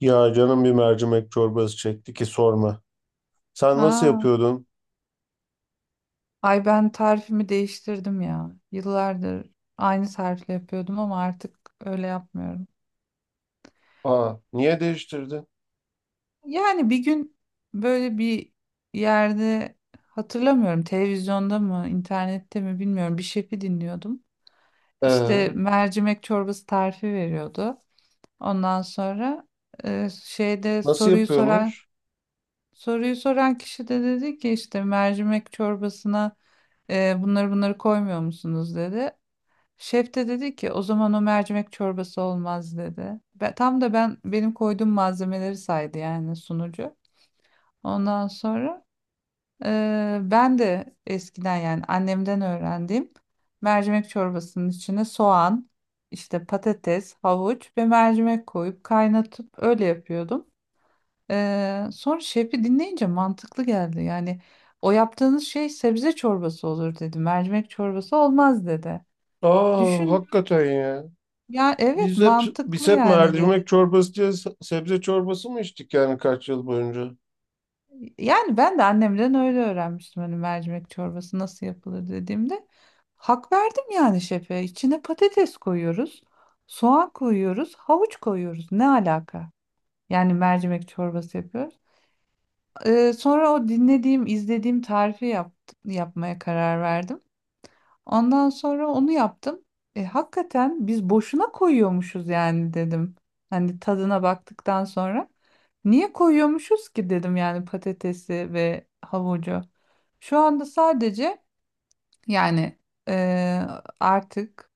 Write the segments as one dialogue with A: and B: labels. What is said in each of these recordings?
A: Ya canım bir mercimek çorbası çekti ki sorma. Sen nasıl
B: Aa,
A: yapıyordun?
B: ay ben tarifimi değiştirdim ya. Yıllardır aynı tarifle yapıyordum ama artık öyle yapmıyorum.
A: Aa, niye değiştirdin?
B: Yani bir gün böyle bir yerde hatırlamıyorum televizyonda mı internette mi bilmiyorum bir şefi dinliyordum. İşte
A: Ee,
B: mercimek çorbası tarifi veriyordu. Ondan sonra şeyde
A: nasıl
B: soruyu soran
A: yapıyormuş?
B: soruyu soran kişi de dedi ki işte mercimek çorbasına bunları koymuyor musunuz dedi. Şef de dedi ki o zaman o mercimek çorbası olmaz dedi. Ve tam da benim koyduğum malzemeleri saydı yani sunucu. Ondan sonra ben de eskiden yani annemden öğrendiğim mercimek çorbasının içine soğan, işte patates, havuç ve mercimek koyup kaynatıp öyle yapıyordum. Sonra şefi dinleyince mantıklı geldi. Yani o yaptığınız şey sebze çorbası olur dedi. Mercimek çorbası olmaz dedi.
A: Aa,
B: Düşün.
A: hakikaten ya.
B: Ya evet
A: Biz hep biz
B: mantıklı
A: hep
B: yani dedi.
A: mercimek çorbası diye sebze çorbası mı içtik yani kaç yıl boyunca?
B: Yani ben de annemden öyle öğrenmiştim hani mercimek çorbası nasıl yapılır dediğimde. Hak verdim yani şefe. İçine patates koyuyoruz, soğan koyuyoruz, havuç koyuyoruz. Ne alaka? Yani mercimek çorbası yapıyoruz. Sonra o dinlediğim, izlediğim tarifi yapmaya karar verdim. Ondan sonra onu yaptım. Hakikaten biz boşuna koyuyormuşuz yani dedim. Hani tadına baktıktan sonra. Niye koyuyormuşuz ki dedim yani patatesi ve havucu. Şu anda sadece yani e, artık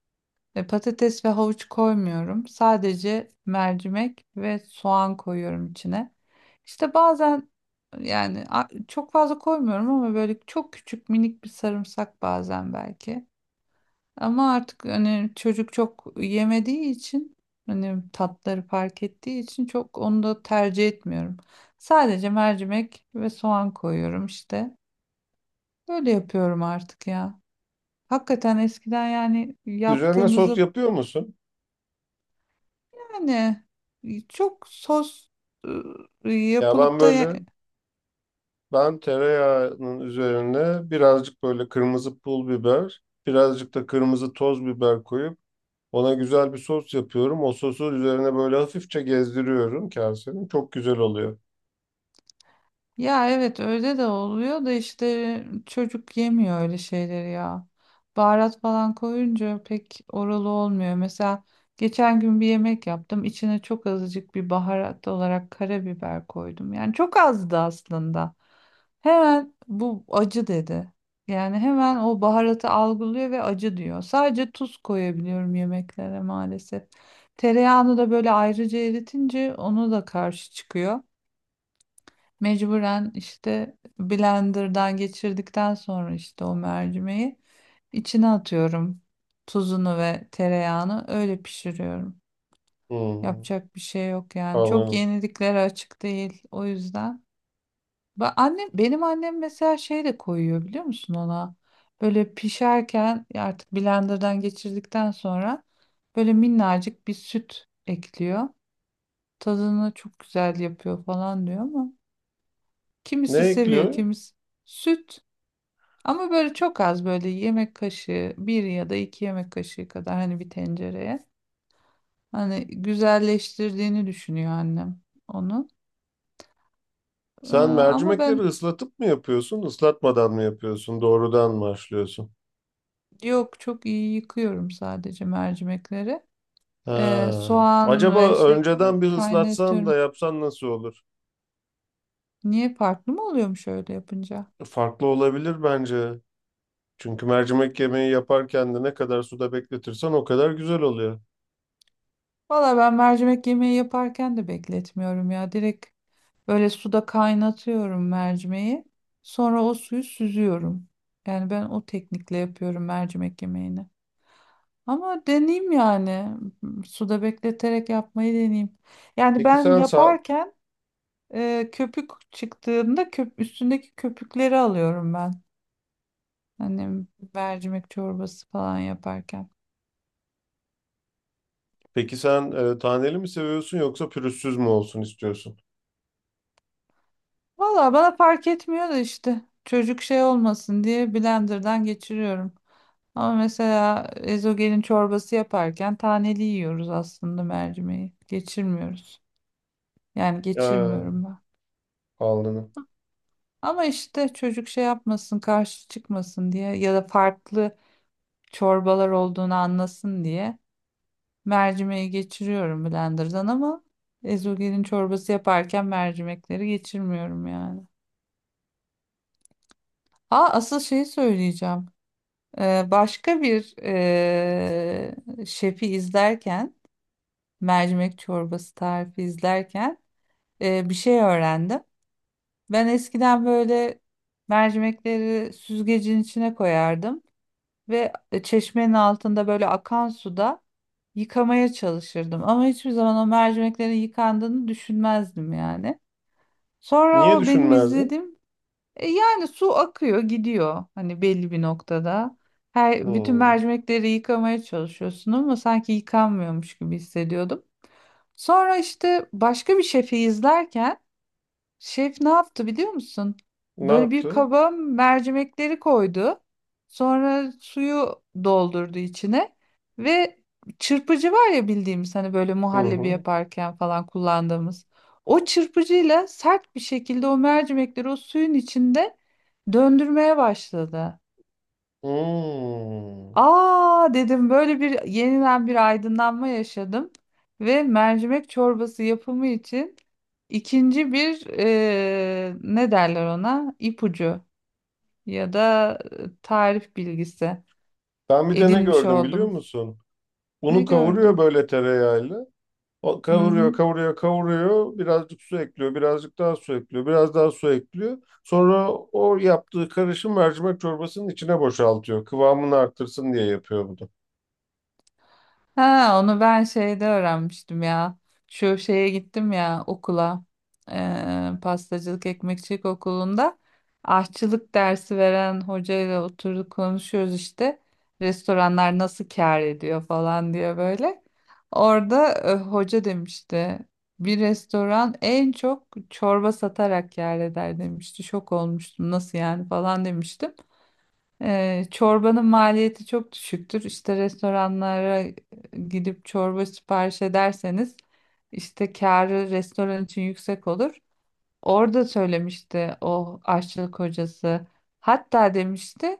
B: patates ve havuç koymuyorum. Sadece mercimek ve soğan koyuyorum içine. İşte bazen yani çok fazla koymuyorum ama böyle çok küçük minik bir sarımsak bazen belki. Ama artık hani çocuk çok yemediği için hani tatları fark ettiği için çok onu da tercih etmiyorum. Sadece mercimek ve soğan koyuyorum işte. Böyle yapıyorum artık ya. Hakikaten eskiden yani
A: Üzerine sos
B: yaptığımızı...
A: yapıyor musun?
B: Yani çok sos
A: Ya ben
B: yapılıp da...
A: böyle ben tereyağının üzerine birazcık böyle kırmızı pul biber, birazcık da kırmızı toz biber koyup ona güzel bir sos yapıyorum. O sosu üzerine böyle hafifçe gezdiriyorum kasenin. Çok güzel oluyor.
B: Ya evet öyle de oluyor da işte çocuk yemiyor öyle şeyleri ya. Baharat falan koyunca pek oralı olmuyor. Mesela geçen gün bir yemek yaptım. İçine çok azıcık bir baharat olarak karabiber koydum. Yani çok azdı aslında. Hemen bu acı dedi. Yani hemen o baharatı algılıyor ve acı diyor. Sadece tuz koyabiliyorum yemeklere maalesef. Tereyağını da böyle ayrıca eritince onu da karşı çıkıyor. Mecburen işte blenderdan geçirdikten sonra işte o mercimeği içine atıyorum. Tuzunu ve tereyağını öyle pişiriyorum.
A: Hmm,
B: Yapacak bir şey yok yani. Çok
A: anladım.
B: yeniliklere açık değil o yüzden. Annem, benim annem mesela şey de koyuyor biliyor musun ona? Böyle pişerken ya artık blenderdan geçirdikten sonra böyle minnacık bir süt ekliyor. Tadını çok güzel yapıyor falan diyor ama
A: Ne
B: kimisi seviyor,
A: ekliyor?
B: kimisi... Süt. Ama böyle çok az böyle yemek kaşığı 1 ya da 2 yemek kaşığı kadar hani bir tencereye. Hani güzelleştirdiğini düşünüyor annem onu.
A: Sen
B: Ama
A: mercimekleri
B: ben
A: ıslatıp mı yapıyorsun, ıslatmadan mı yapıyorsun, doğrudan mı haşlıyorsun?
B: yok çok iyi yıkıyorum sadece mercimekleri.
A: Ha.
B: Soğan ve
A: Acaba
B: şeyini
A: önceden bir ıslatsan da
B: kaynatıyorum.
A: yapsan nasıl olur?
B: Niye farklı mı oluyormuş öyle yapınca?
A: Farklı olabilir bence. Çünkü mercimek yemeği yaparken de ne kadar suda bekletirsen o kadar güzel oluyor.
B: Valla ben mercimek yemeği yaparken de bekletmiyorum ya. Direkt böyle suda kaynatıyorum mercimeği. Sonra o suyu süzüyorum. Yani ben o teknikle yapıyorum mercimek yemeğini. Ama deneyeyim yani. Suda bekleterek yapmayı deneyeyim. Yani
A: Peki
B: ben
A: sen
B: yaparken köpük çıktığında üstündeki köpükleri alıyorum ben. Hani mercimek çorbası falan yaparken.
A: peki sen taneli mi seviyorsun yoksa pürüzsüz mü olsun istiyorsun?
B: Valla bana fark etmiyor da işte çocuk şey olmasın diye blenderdan geçiriyorum. Ama mesela ezogelin çorbası yaparken taneli yiyoruz aslında mercimeği. Geçirmiyoruz. Yani
A: Ha.
B: geçirmiyorum ben.
A: Anladım.
B: Ama işte çocuk şey yapmasın, karşı çıkmasın diye ya da farklı çorbalar olduğunu anlasın diye mercimeği geçiriyorum blenderdan ama ezogelin çorbası yaparken mercimekleri geçirmiyorum yani. Ha asıl şeyi söyleyeceğim. Başka bir şefi izlerken, mercimek çorbası tarifi izlerken bir şey öğrendim. Ben eskiden böyle mercimekleri süzgecin içine koyardım ve çeşmenin altında böyle akan suda yıkamaya çalışırdım. Ama hiçbir zaman o mercimeklerin yıkandığını düşünmezdim yani. Sonra
A: Niye
B: o benim
A: düşünmezdin?
B: izlediğim... Yani su akıyor, gidiyor hani belli bir noktada. Her bütün
A: Hmm.
B: mercimekleri yıkamaya çalışıyorsun ama sanki yıkanmıyormuş gibi hissediyordum. Sonra işte başka bir şefi izlerken. Şef ne yaptı biliyor musun?
A: Ne
B: Böyle bir
A: yaptı?
B: kaba mercimekleri koydu. Sonra suyu doldurdu içine ve çırpıcı var ya bildiğimiz hani böyle
A: Hı
B: muhallebi
A: hı.
B: yaparken falan kullandığımız. O çırpıcıyla sert bir şekilde o mercimekleri o suyun içinde döndürmeye başladı.
A: Hmm.
B: Aa dedim böyle bir yeniden bir aydınlanma yaşadım ve mercimek çorbası yapımı için ikinci bir ne derler ona ipucu ya da tarif bilgisi
A: Ben bir de ne
B: edinmiş
A: gördüm biliyor
B: oldum.
A: musun?
B: Ne
A: Unu kavuruyor
B: gördün?
A: böyle tereyağıyla. O
B: Hı
A: kavuruyor,
B: hı.
A: kavuruyor, kavuruyor. Birazcık su ekliyor, birazcık daha su ekliyor, biraz daha su ekliyor. Sonra o yaptığı karışım mercimek çorbasının içine boşaltıyor. Kıvamını arttırsın diye yapıyor bunu.
B: Ha, onu ben şeyde öğrenmiştim ya. Şu şeye gittim ya okula. Pastacılık ekmekçilik okulunda aşçılık dersi veren hocayla oturduk konuşuyoruz işte. Restoranlar nasıl kâr ediyor falan diye böyle. Orada hoca demişti. Bir restoran en çok çorba satarak kâr eder demişti. Şok olmuştum nasıl yani falan demiştim. Çorbanın maliyeti çok düşüktür. İşte restoranlara gidip çorba sipariş ederseniz işte kârı restoran için yüksek olur. Orada söylemişti o aşçılık hocası. Hatta demişti: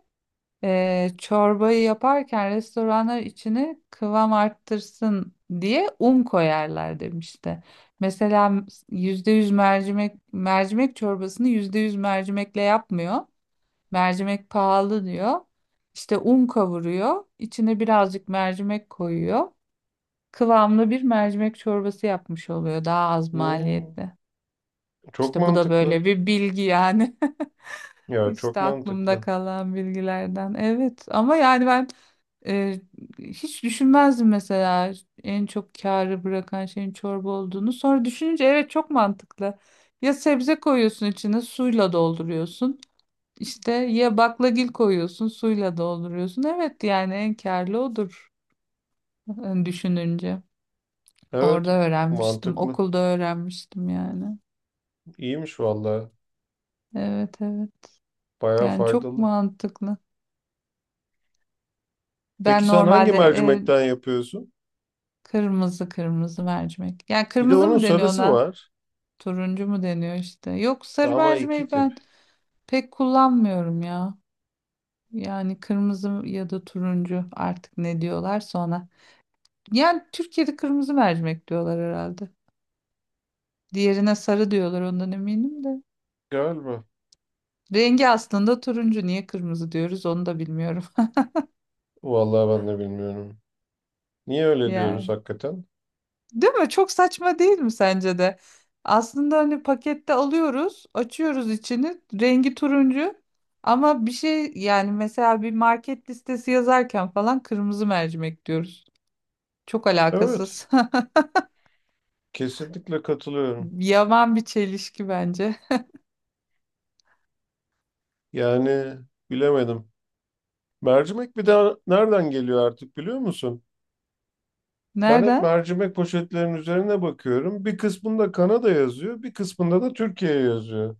B: Çorbayı yaparken restoranlar içine kıvam arttırsın diye un koyarlar" demişti. Mesela %100 mercimek çorbasını %100 mercimekle yapmıyor. Mercimek pahalı diyor. İşte un kavuruyor. İçine birazcık mercimek koyuyor. Kıvamlı bir mercimek çorbası yapmış oluyor. Daha az
A: Hmm.
B: maliyetli.
A: Çok
B: İşte bu da
A: mantıklı.
B: böyle bir bilgi yani.
A: Ya çok
B: İşte aklımda
A: mantıklı.
B: kalan bilgilerden. Evet ama yani ben e, hiç düşünmezdim mesela en çok kârı bırakan şeyin çorba olduğunu. Sonra düşününce evet çok mantıklı. Ya sebze koyuyorsun içine suyla dolduruyorsun. İşte ya baklagil koyuyorsun, suyla dolduruyorsun. Evet yani en kârlı odur düşününce.
A: Evet,
B: Orada öğrenmiştim,
A: mantıklı.
B: okulda öğrenmiştim yani.
A: İyiymiş vallahi.
B: Evet, evet.
A: Bayağı
B: Yani çok
A: faydalı.
B: mantıklı.
A: Peki
B: Ben
A: sen hangi
B: normalde
A: mercimekten yapıyorsun?
B: kırmızı mercimek. Yani
A: Bir de
B: kırmızı
A: onun
B: mı deniyor
A: sarısı
B: ona?
A: var.
B: Turuncu mu deniyor işte? Yok
A: E
B: sarı
A: ama iki
B: mercimeği
A: tip.
B: ben pek kullanmıyorum ya. Yani kırmızı ya da turuncu artık ne diyorlarsa ona. Yani Türkiye'de kırmızı mercimek diyorlar herhalde. Diğerine sarı diyorlar ondan eminim de.
A: Galiba.
B: Rengi aslında turuncu. Niye kırmızı diyoruz onu da bilmiyorum.
A: Vallahi ben de bilmiyorum. Niye öyle diyoruz
B: Yani.
A: hakikaten?
B: Değil mi? Çok saçma değil mi sence de? Aslında hani pakette alıyoruz, açıyoruz içini, rengi turuncu. Ama bir şey yani mesela bir market listesi yazarken falan kırmızı mercimek diyoruz. Çok
A: Evet.
B: alakasız.
A: Kesinlikle katılıyorum.
B: Yaman bir çelişki bence.
A: Yani bilemedim. Mercimek bir de nereden geliyor artık biliyor musun? Ben hep
B: Nereden?
A: mercimek poşetlerinin üzerine bakıyorum. Bir kısmında Kanada yazıyor, bir kısmında da Türkiye yazıyor.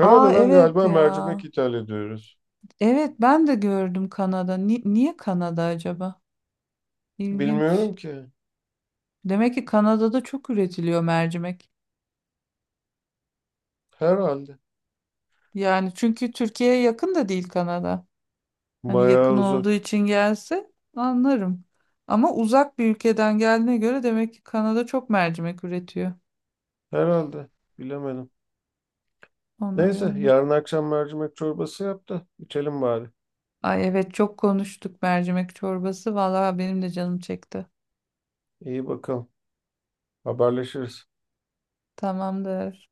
B: Aa evet
A: galiba
B: ya.
A: mercimek ithal ediyoruz.
B: Evet ben de gördüm Kanada. Niye Kanada acaba? İlginç.
A: Bilmiyorum ki.
B: Demek ki Kanada'da çok üretiliyor mercimek.
A: Herhalde.
B: Yani çünkü Türkiye'ye yakın da değil Kanada. Hani
A: Bayağı
B: yakın olduğu
A: uzak.
B: için gelse anlarım. Ama uzak bir ülkeden geldiğine göre demek ki Kanada çok mercimek üretiyor.
A: Herhalde. Bilemedim.
B: Ona
A: Neyse,
B: yormak.
A: yarın akşam mercimek çorbası yap da içelim bari.
B: Ay evet çok konuştuk mercimek çorbası. Vallahi benim de canım çekti.
A: İyi bakalım. Haberleşiriz.
B: Tamamdır.